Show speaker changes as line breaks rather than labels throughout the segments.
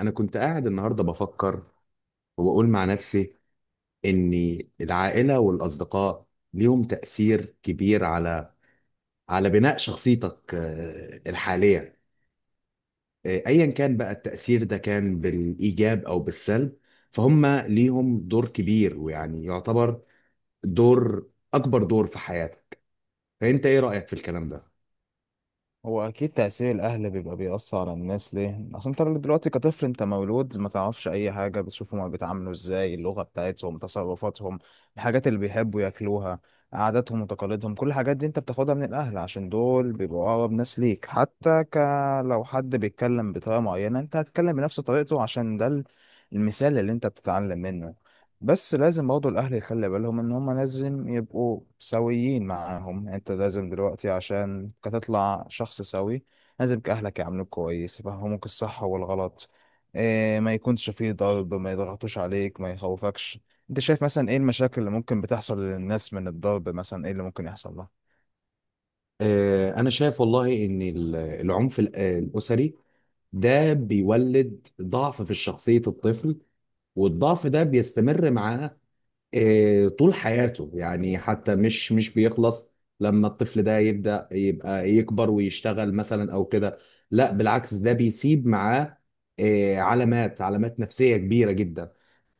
انا كنت قاعد النهارده بفكر وبقول مع نفسي ان العائله والاصدقاء ليهم تاثير كبير على بناء شخصيتك الحاليه. ايا كان بقى التاثير ده كان بالايجاب او بالسلب، فهم ليهم دور كبير ويعني يعتبر دور اكبر دور في حياتك. فانت ايه رايك في الكلام ده؟
هو اكيد تأثير الاهل بيبقى بيأثر على الناس، ليه؟ اصل انت دلوقتي كطفل، انت مولود ما تعرفش اي حاجة، بتشوفهم هما بيتعاملوا ازاي، اللغة بتاعتهم، تصرفاتهم، الحاجات اللي بيحبوا ياكلوها، عاداتهم وتقاليدهم. كل الحاجات دي انت بتاخدها من الاهل عشان دول بيبقوا اقرب ناس ليك. حتى لو حد بيتكلم بطريقة معينة انت هتتكلم بنفس طريقته، عشان ده المثال اللي انت بتتعلم منه. بس لازم برضه الأهل يخلي بالهم إن هما لازم يبقوا سويين معاهم، يعني أنت لازم دلوقتي عشان تطلع شخص سوي، لازم أهلك يعاملوك كويس، يفهموك الصح والغلط، إيه، ما يكونش فيه ضرب، ما يضغطوش عليك، ما يخوفكش. أنت شايف مثلا إيه المشاكل اللي ممكن بتحصل للناس من الضرب؟ مثلا إيه اللي ممكن يحصل لها؟
انا شايف والله ان العنف الاسري ده بيولد ضعف في شخصية الطفل، والضعف ده بيستمر معاه طول حياته، يعني حتى مش بيخلص لما الطفل ده يبدأ يبقى يكبر ويشتغل مثلا او كده. لا بالعكس، ده بيسيب معاه علامات نفسية كبيرة جدا.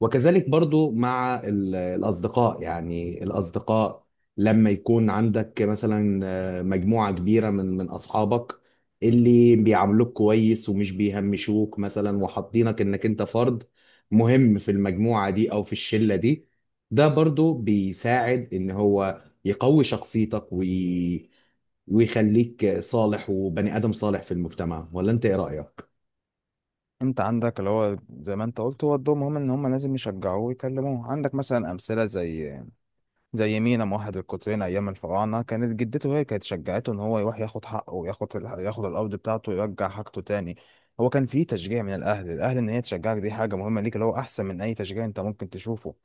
وكذلك برضو مع الأصدقاء، يعني الأصدقاء لما يكون عندك مثلا مجموعة كبيرة من أصحابك اللي بيعاملوك كويس ومش بيهمشوك مثلا، وحاطينك إنك أنت فرد مهم في المجموعة دي أو في الشلة دي، ده برضو بيساعد إن هو يقوي شخصيتك ويخليك صالح وبني آدم صالح في المجتمع. ولا أنت إيه رأيك؟
أنت عندك اللي هو زي ما أنت قلت، هو الدور مهم إن هما لازم يشجعوه ويكلموه. عندك مثلا أمثلة زي مينا موحد القطرين ايام الفراعنه، كانت جدته هي كانت شجعته ان هو يروح ياخد حقه وياخد ياخد الارض بتاعته ويرجع حاجته تاني. هو كان في تشجيع من الاهل ان هي تشجعك، دي حاجه مهمه ليك، اللي هو احسن من اي تشجيع انت ممكن تشوفه.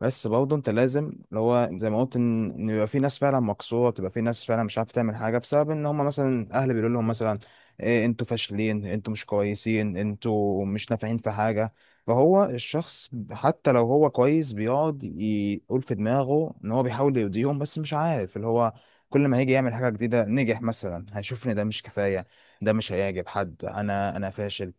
بس برضه انت لازم، اللي هو زي ما قلت، ان يبقى في ناس فعلا مكسوره، بتبقى في ناس فعلا مش عارفه تعمل حاجه بسبب ان هم مثلا الاهل بيقولوا لهم، مثلا إيه، انتوا فاشلين، انتوا مش كويسين، انتوا مش نافعين في حاجه. فهو الشخص حتى لو هو كويس بيقعد يقول في دماغه ان هو بيحاول يرضيهم، بس مش عارف، اللي هو كل ما هيجي يعمل حاجة جديدة نجح مثلا هيشوف ان ده مش كفاية، ده مش هيعجب حد، انا فاشل.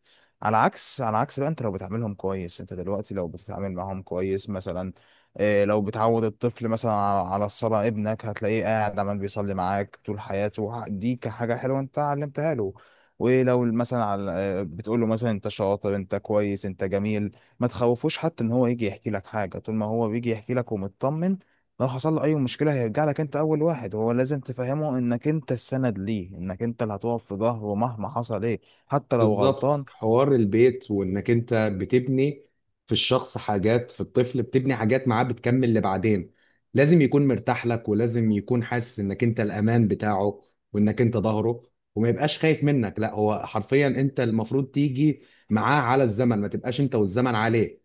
على عكس بقى، انت لو بتعاملهم كويس، انت دلوقتي لو بتتعامل معاهم كويس مثلا، إيه، لو بتعود الطفل مثلا على الصلاة، ابنك هتلاقيه قاعد عمال بيصلي معاك طول حياته دي كحاجة حلوة انت علمتها له. ولو مثلا على، بتقول له مثلا انت شاطر، انت كويس، انت جميل، ما تخوفوش حتى ان هو يجي يحكي لك حاجه. طول ما هو بيجي يحكي لك ومطمن، لو حصل له اي مشكله هيرجع لك انت اول واحد. هو لازم تفهمه انك انت السند ليه، انك انت اللي هتقف في ظهره مهما حصل، ايه، حتى لو
بالظبط،
غلطان.
حوار البيت، وانك انت بتبني في الشخص حاجات، في الطفل بتبني حاجات معاه بتكمل لبعدين. لازم يكون مرتاح لك، ولازم يكون حاسس انك انت الامان بتاعه، وانك انت ظهره، وما يبقاش خايف منك. لا هو حرفيا انت المفروض تيجي معاه على الزمن، ما تبقاش انت والزمن عليه.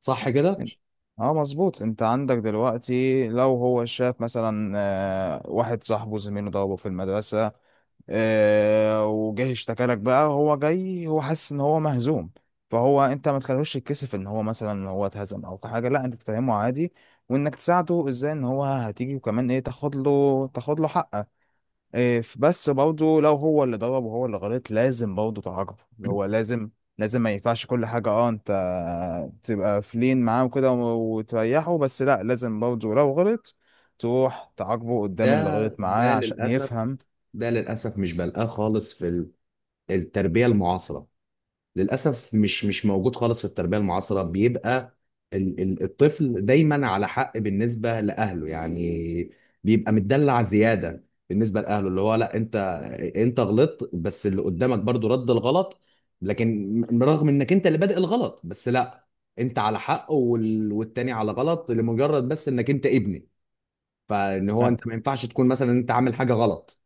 صح كده؟
اه مظبوط. انت عندك دلوقتي لو هو شاف مثلا واحد صاحبه زميله ضربه في المدرسة، وجاي اشتكى لك، بقى هو جاي هو حاسس ان هو مهزوم. فهو انت ما تخلوش يتكسف ان هو مثلا ان هو اتهزم او حاجه، لا انت تفهمه عادي، وانك تساعده ازاي ان هو هتيجي، وكمان ايه، تاخد له حقه. إيه، بس برضه لو هو اللي ضرب وهو اللي غلط لازم برضه تعاقبه. اللي هو لازم، لازم ما ينفعش كل حاجه اه انت تبقى فلين معاه وكده، وتريحه، بس لا لازم برضه لو غلط تروح تعاقبه قدام اللي
ده
غلط معاه
ده
عشان
للاسف،
يفهم.
للاسف مش بلقاه خالص في التربية المعاصرة. للاسف مش موجود خالص في التربيه المعاصره. بيبقى الطفل دايما على حق بالنسبه لاهله، يعني بيبقى متدلع زياده بالنسبه لاهله. اللي هو لا، انت غلطت بس اللي قدامك برضو رد الغلط، لكن رغم انك انت اللي بادئ الغلط، بس لا انت على حق والتاني على غلط، لمجرد بس انك انت ابني. فان هو انت ما ينفعش تكون مثلا انت عامل حاجه غلط.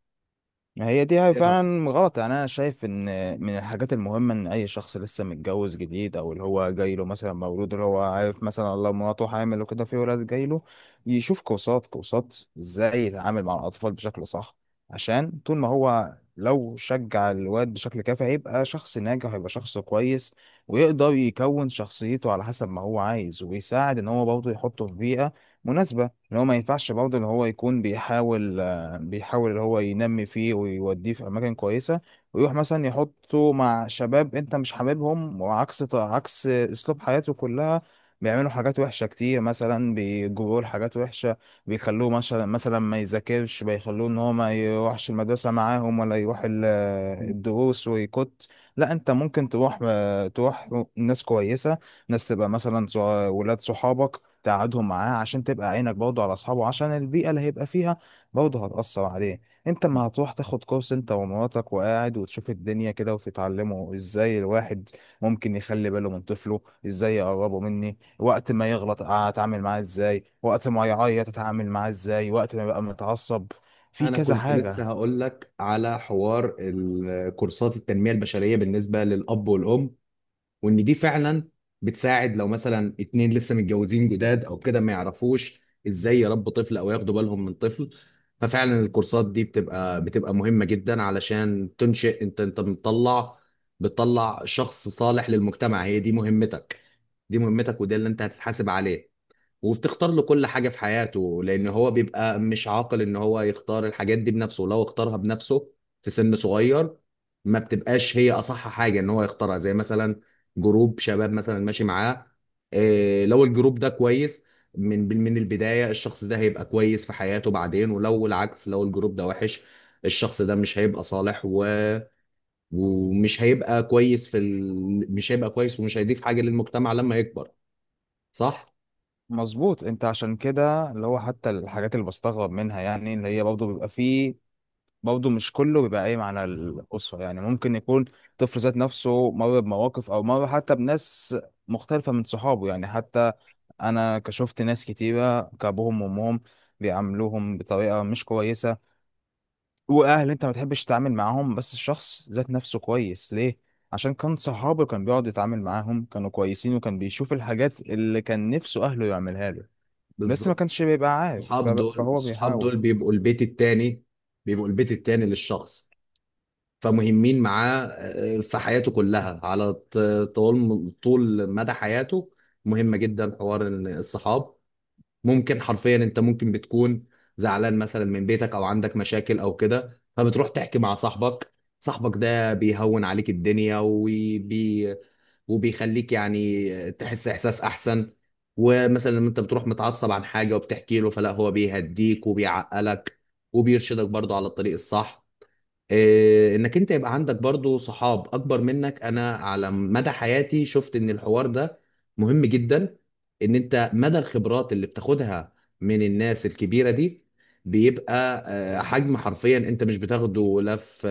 ما هي دي
إيه رأيك؟
فعلا غلط، يعني انا شايف ان من الحاجات المهمه ان اي شخص لسه متجوز جديد او اللي هو جاي له مثلا مولود، اللي هو عارف مثلا الله مراته حامل وكده، في ولاد جاي له، يشوف كورسات ازاي يتعامل مع الاطفال بشكل صح. عشان طول ما هو لو شجع الواد بشكل كافي هيبقى شخص ناجح، هيبقى شخص كويس ويقدر يكون شخصيته على حسب ما هو عايز، ويساعد ان هو برضه يحطه في بيئه مناسبه. ان هو ما ينفعش برضه ان هو يكون بيحاول اللي هو ينمي فيه ويوديه في اماكن كويسه، ويروح مثلا يحطه مع شباب انت مش حاببهم، وعكس اسلوب حياته كلها، بيعملوا حاجات وحشه كتير، مثلا بيجروه لحاجات وحشه، بيخلوه مثلا ما يذاكرش، بيخلوه ان هو ما يروحش المدرسه معاهم، ولا يروح الدروس، ويكت، لا انت ممكن تروح تروح ناس كويسه، ناس تبقى مثلا ولاد صحابك تقعدهم معاه عشان تبقى عينك برضه على اصحابه، عشان البيئه اللي هيبقى فيها برضه هتأثر عليه. انت ما هتروح تاخد كورس انت ومراتك وقاعد وتشوف الدنيا كده وتتعلموا ازاي الواحد ممكن يخلي باله من طفله، ازاي يقربه مني، وقت ما يغلط اتعامل معاه ازاي، وقت ما يعيط اتعامل معاه ازاي، وقت ما يبقى متعصب، في
انا
كذا
كنت لسه
حاجة.
هقول لك على حوار كورسات التنميه البشريه بالنسبه للاب والام، وان دي فعلا بتساعد لو مثلا اتنين لسه متجوزين جداد او كده، ما يعرفوش ازاي يربوا طفل او ياخدوا بالهم من طفل. ففعلا الكورسات دي بتبقى مهمه جدا، علشان تنشئ انت، انت بتطلع شخص صالح للمجتمع. هي دي مهمتك، دي مهمتك، وده اللي انت هتتحاسب عليه. وبتختار له كل حاجة في حياته، لأن هو بيبقى مش عاقل إن هو يختار الحاجات دي بنفسه. ولو اختارها بنفسه في سن صغير ما بتبقاش هي أصح حاجة إن هو يختارها، زي مثلا جروب شباب مثلا ماشي معاه. إيه، لو الجروب ده كويس من البداية الشخص ده هيبقى كويس في حياته بعدين، ولو العكس، لو الجروب ده وحش الشخص ده مش هيبقى صالح ومش هيبقى كويس في مش هيبقى كويس ومش هيضيف حاجة للمجتمع لما يكبر. صح؟
مظبوط. انت عشان كده، اللي هو حتى الحاجات اللي بستغرب منها، يعني اللي هي برضه بيبقى فيه، برضه مش كله بيبقى قايم على الأسرة يعني، ممكن يكون طفل ذات نفسه مر بمواقف أو مر حتى بناس مختلفة من صحابه. يعني حتى أنا كشفت ناس كتيرة كأبوهم وأمهم بيعاملوهم بطريقة مش كويسة، وأهل أنت ما تحبش تتعامل معاهم، بس الشخص ذات نفسه كويس. ليه؟ عشان كان صحابه كان بيقعد يتعامل معاهم كانوا كويسين، وكان بيشوف الحاجات اللي كان نفسه أهله يعملها له، بس ما
بالظبط.
كانش بيبقى عارف، فهو
الصحاب
بيحاول.
دول بيبقوا البيت التاني، بيبقوا البيت التاني للشخص، فمهمين معاه في حياته كلها على طول مدى حياته. مهمة جدا حوار إن الصحاب، ممكن حرفيا انت ممكن بتكون زعلان مثلا من بيتك او عندك مشاكل او كده، فبتروح تحكي مع صاحبك. صاحبك ده بيهون عليك الدنيا، وبيخليك يعني تحس احساس احسن. ومثلا لما انت بتروح متعصب عن حاجه وبتحكي له، فلا هو بيهديك وبيعقلك وبيرشدك برضه على الطريق الصح. إيه، انك انت يبقى عندك برضو صحاب اكبر منك، انا على مدى حياتي شفت ان الحوار ده مهم جدا. ان انت مدى الخبرات اللي بتاخدها من الناس الكبيرة دي بيبقى حجم حرفيا انت مش بتاخده لا في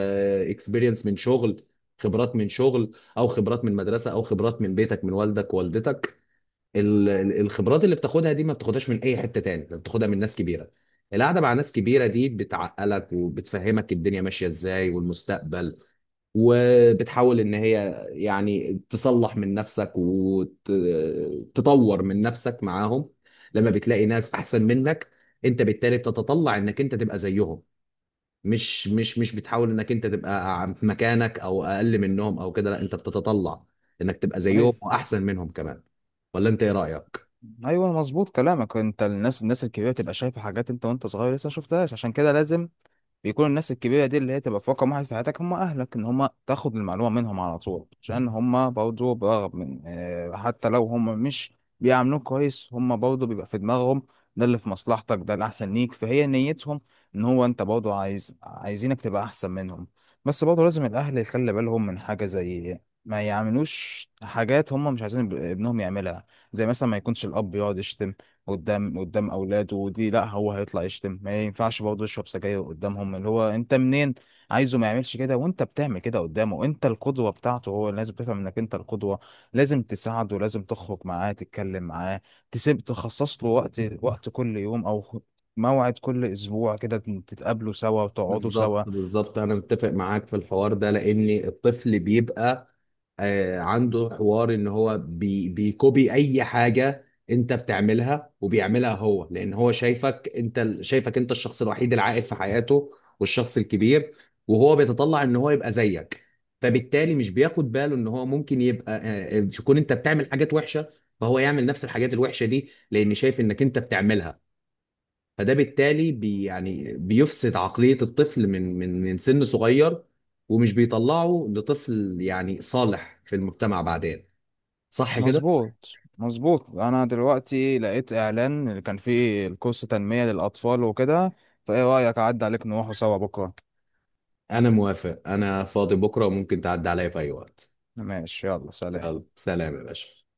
اكسبيرينس من شغل، خبرات من شغل، او خبرات من مدرسة، او خبرات من بيتك من والدك ووالدتك. الخبرات اللي بتاخدها دي ما بتاخدهاش من اي حته تاني، ده بتاخدها من ناس كبيره. القعده مع ناس كبيره دي بتعقلك وبتفهمك الدنيا ماشيه ازاي والمستقبل، وبتحاول ان هي يعني تصلح من نفسك وتطور من نفسك معاهم. لما بتلاقي ناس احسن منك انت بالتالي بتتطلع انك انت تبقى زيهم، مش بتحاول انك انت تبقى في مكانك او اقل منهم او كده. لا انت بتتطلع انك تبقى
أيوة.
زيهم واحسن منهم كمان. ولا انت ايه رايك؟
ايوه مظبوط كلامك. انت الناس الكبيره تبقى شايفه حاجات انت وانت صغير لسه ما شفتهاش، عشان كده لازم بيكون الناس الكبيرة دي اللي هي تبقى في رقم واحد في حياتك هم أهلك، إن هم تاخد المعلومة منهم على طول، عشان هم برضه برغم من، حتى لو هم مش بيعاملوك كويس، هم برضه بيبقى في دماغهم ده اللي في مصلحتك، ده الأحسن ليك، فهي نيتهم إن هو أنت برضه عايز، عايزينك تبقى أحسن منهم. بس برضه لازم الأهل يخلي بالهم من حاجة، زي ما يعملوش حاجات هم مش عايزين ابنهم يعملها، زي مثلا ما يكونش الأب يقعد يشتم قدام اولاده، ودي لا هو هيطلع يشتم. ما ينفعش برضه يشرب سجاير قدامهم، اللي هو انت منين عايزه ما يعملش كده وانت بتعمل كده قدامه. انت القدوه بتاعته، هو لازم تفهم انك انت القدوه، لازم تساعده، لازم تخرج معاه، تتكلم معاه، تسيب تخصص له وقت، كل يوم او موعد كل اسبوع كده، تتقابلوا سوا وتقعدوا
بالظبط
سوا.
بالظبط انا متفق معاك في الحوار ده، لان الطفل بيبقى عنده حوار ان هو بيكوبي اي حاجه انت بتعملها وبيعملها هو، لان هو شايفك انت شايفك انت الشخص الوحيد العاقل في حياته والشخص الكبير، وهو بيتطلع ان هو يبقى زيك. فبالتالي مش بياخد باله ان هو ممكن يبقى تكون انت بتعمل حاجات وحشه، فهو يعمل نفس الحاجات الوحشه دي لان شايف انك انت بتعملها. فده بالتالي يعني بيفسد عقلية الطفل من سن صغير، ومش بيطلعه لطفل يعني صالح في المجتمع بعدين. صح كده؟
مظبوط. انا دلوقتي لقيت اعلان كان فيه الكورس تنمية للاطفال وكده، فايه رايك اعدي عليك نروحوا سوا بكره؟
أنا موافق، أنا فاضي بكرة وممكن تعدي عليا في أي وقت.
ماشي، يلا سلام.
يلا سلام يا باشا.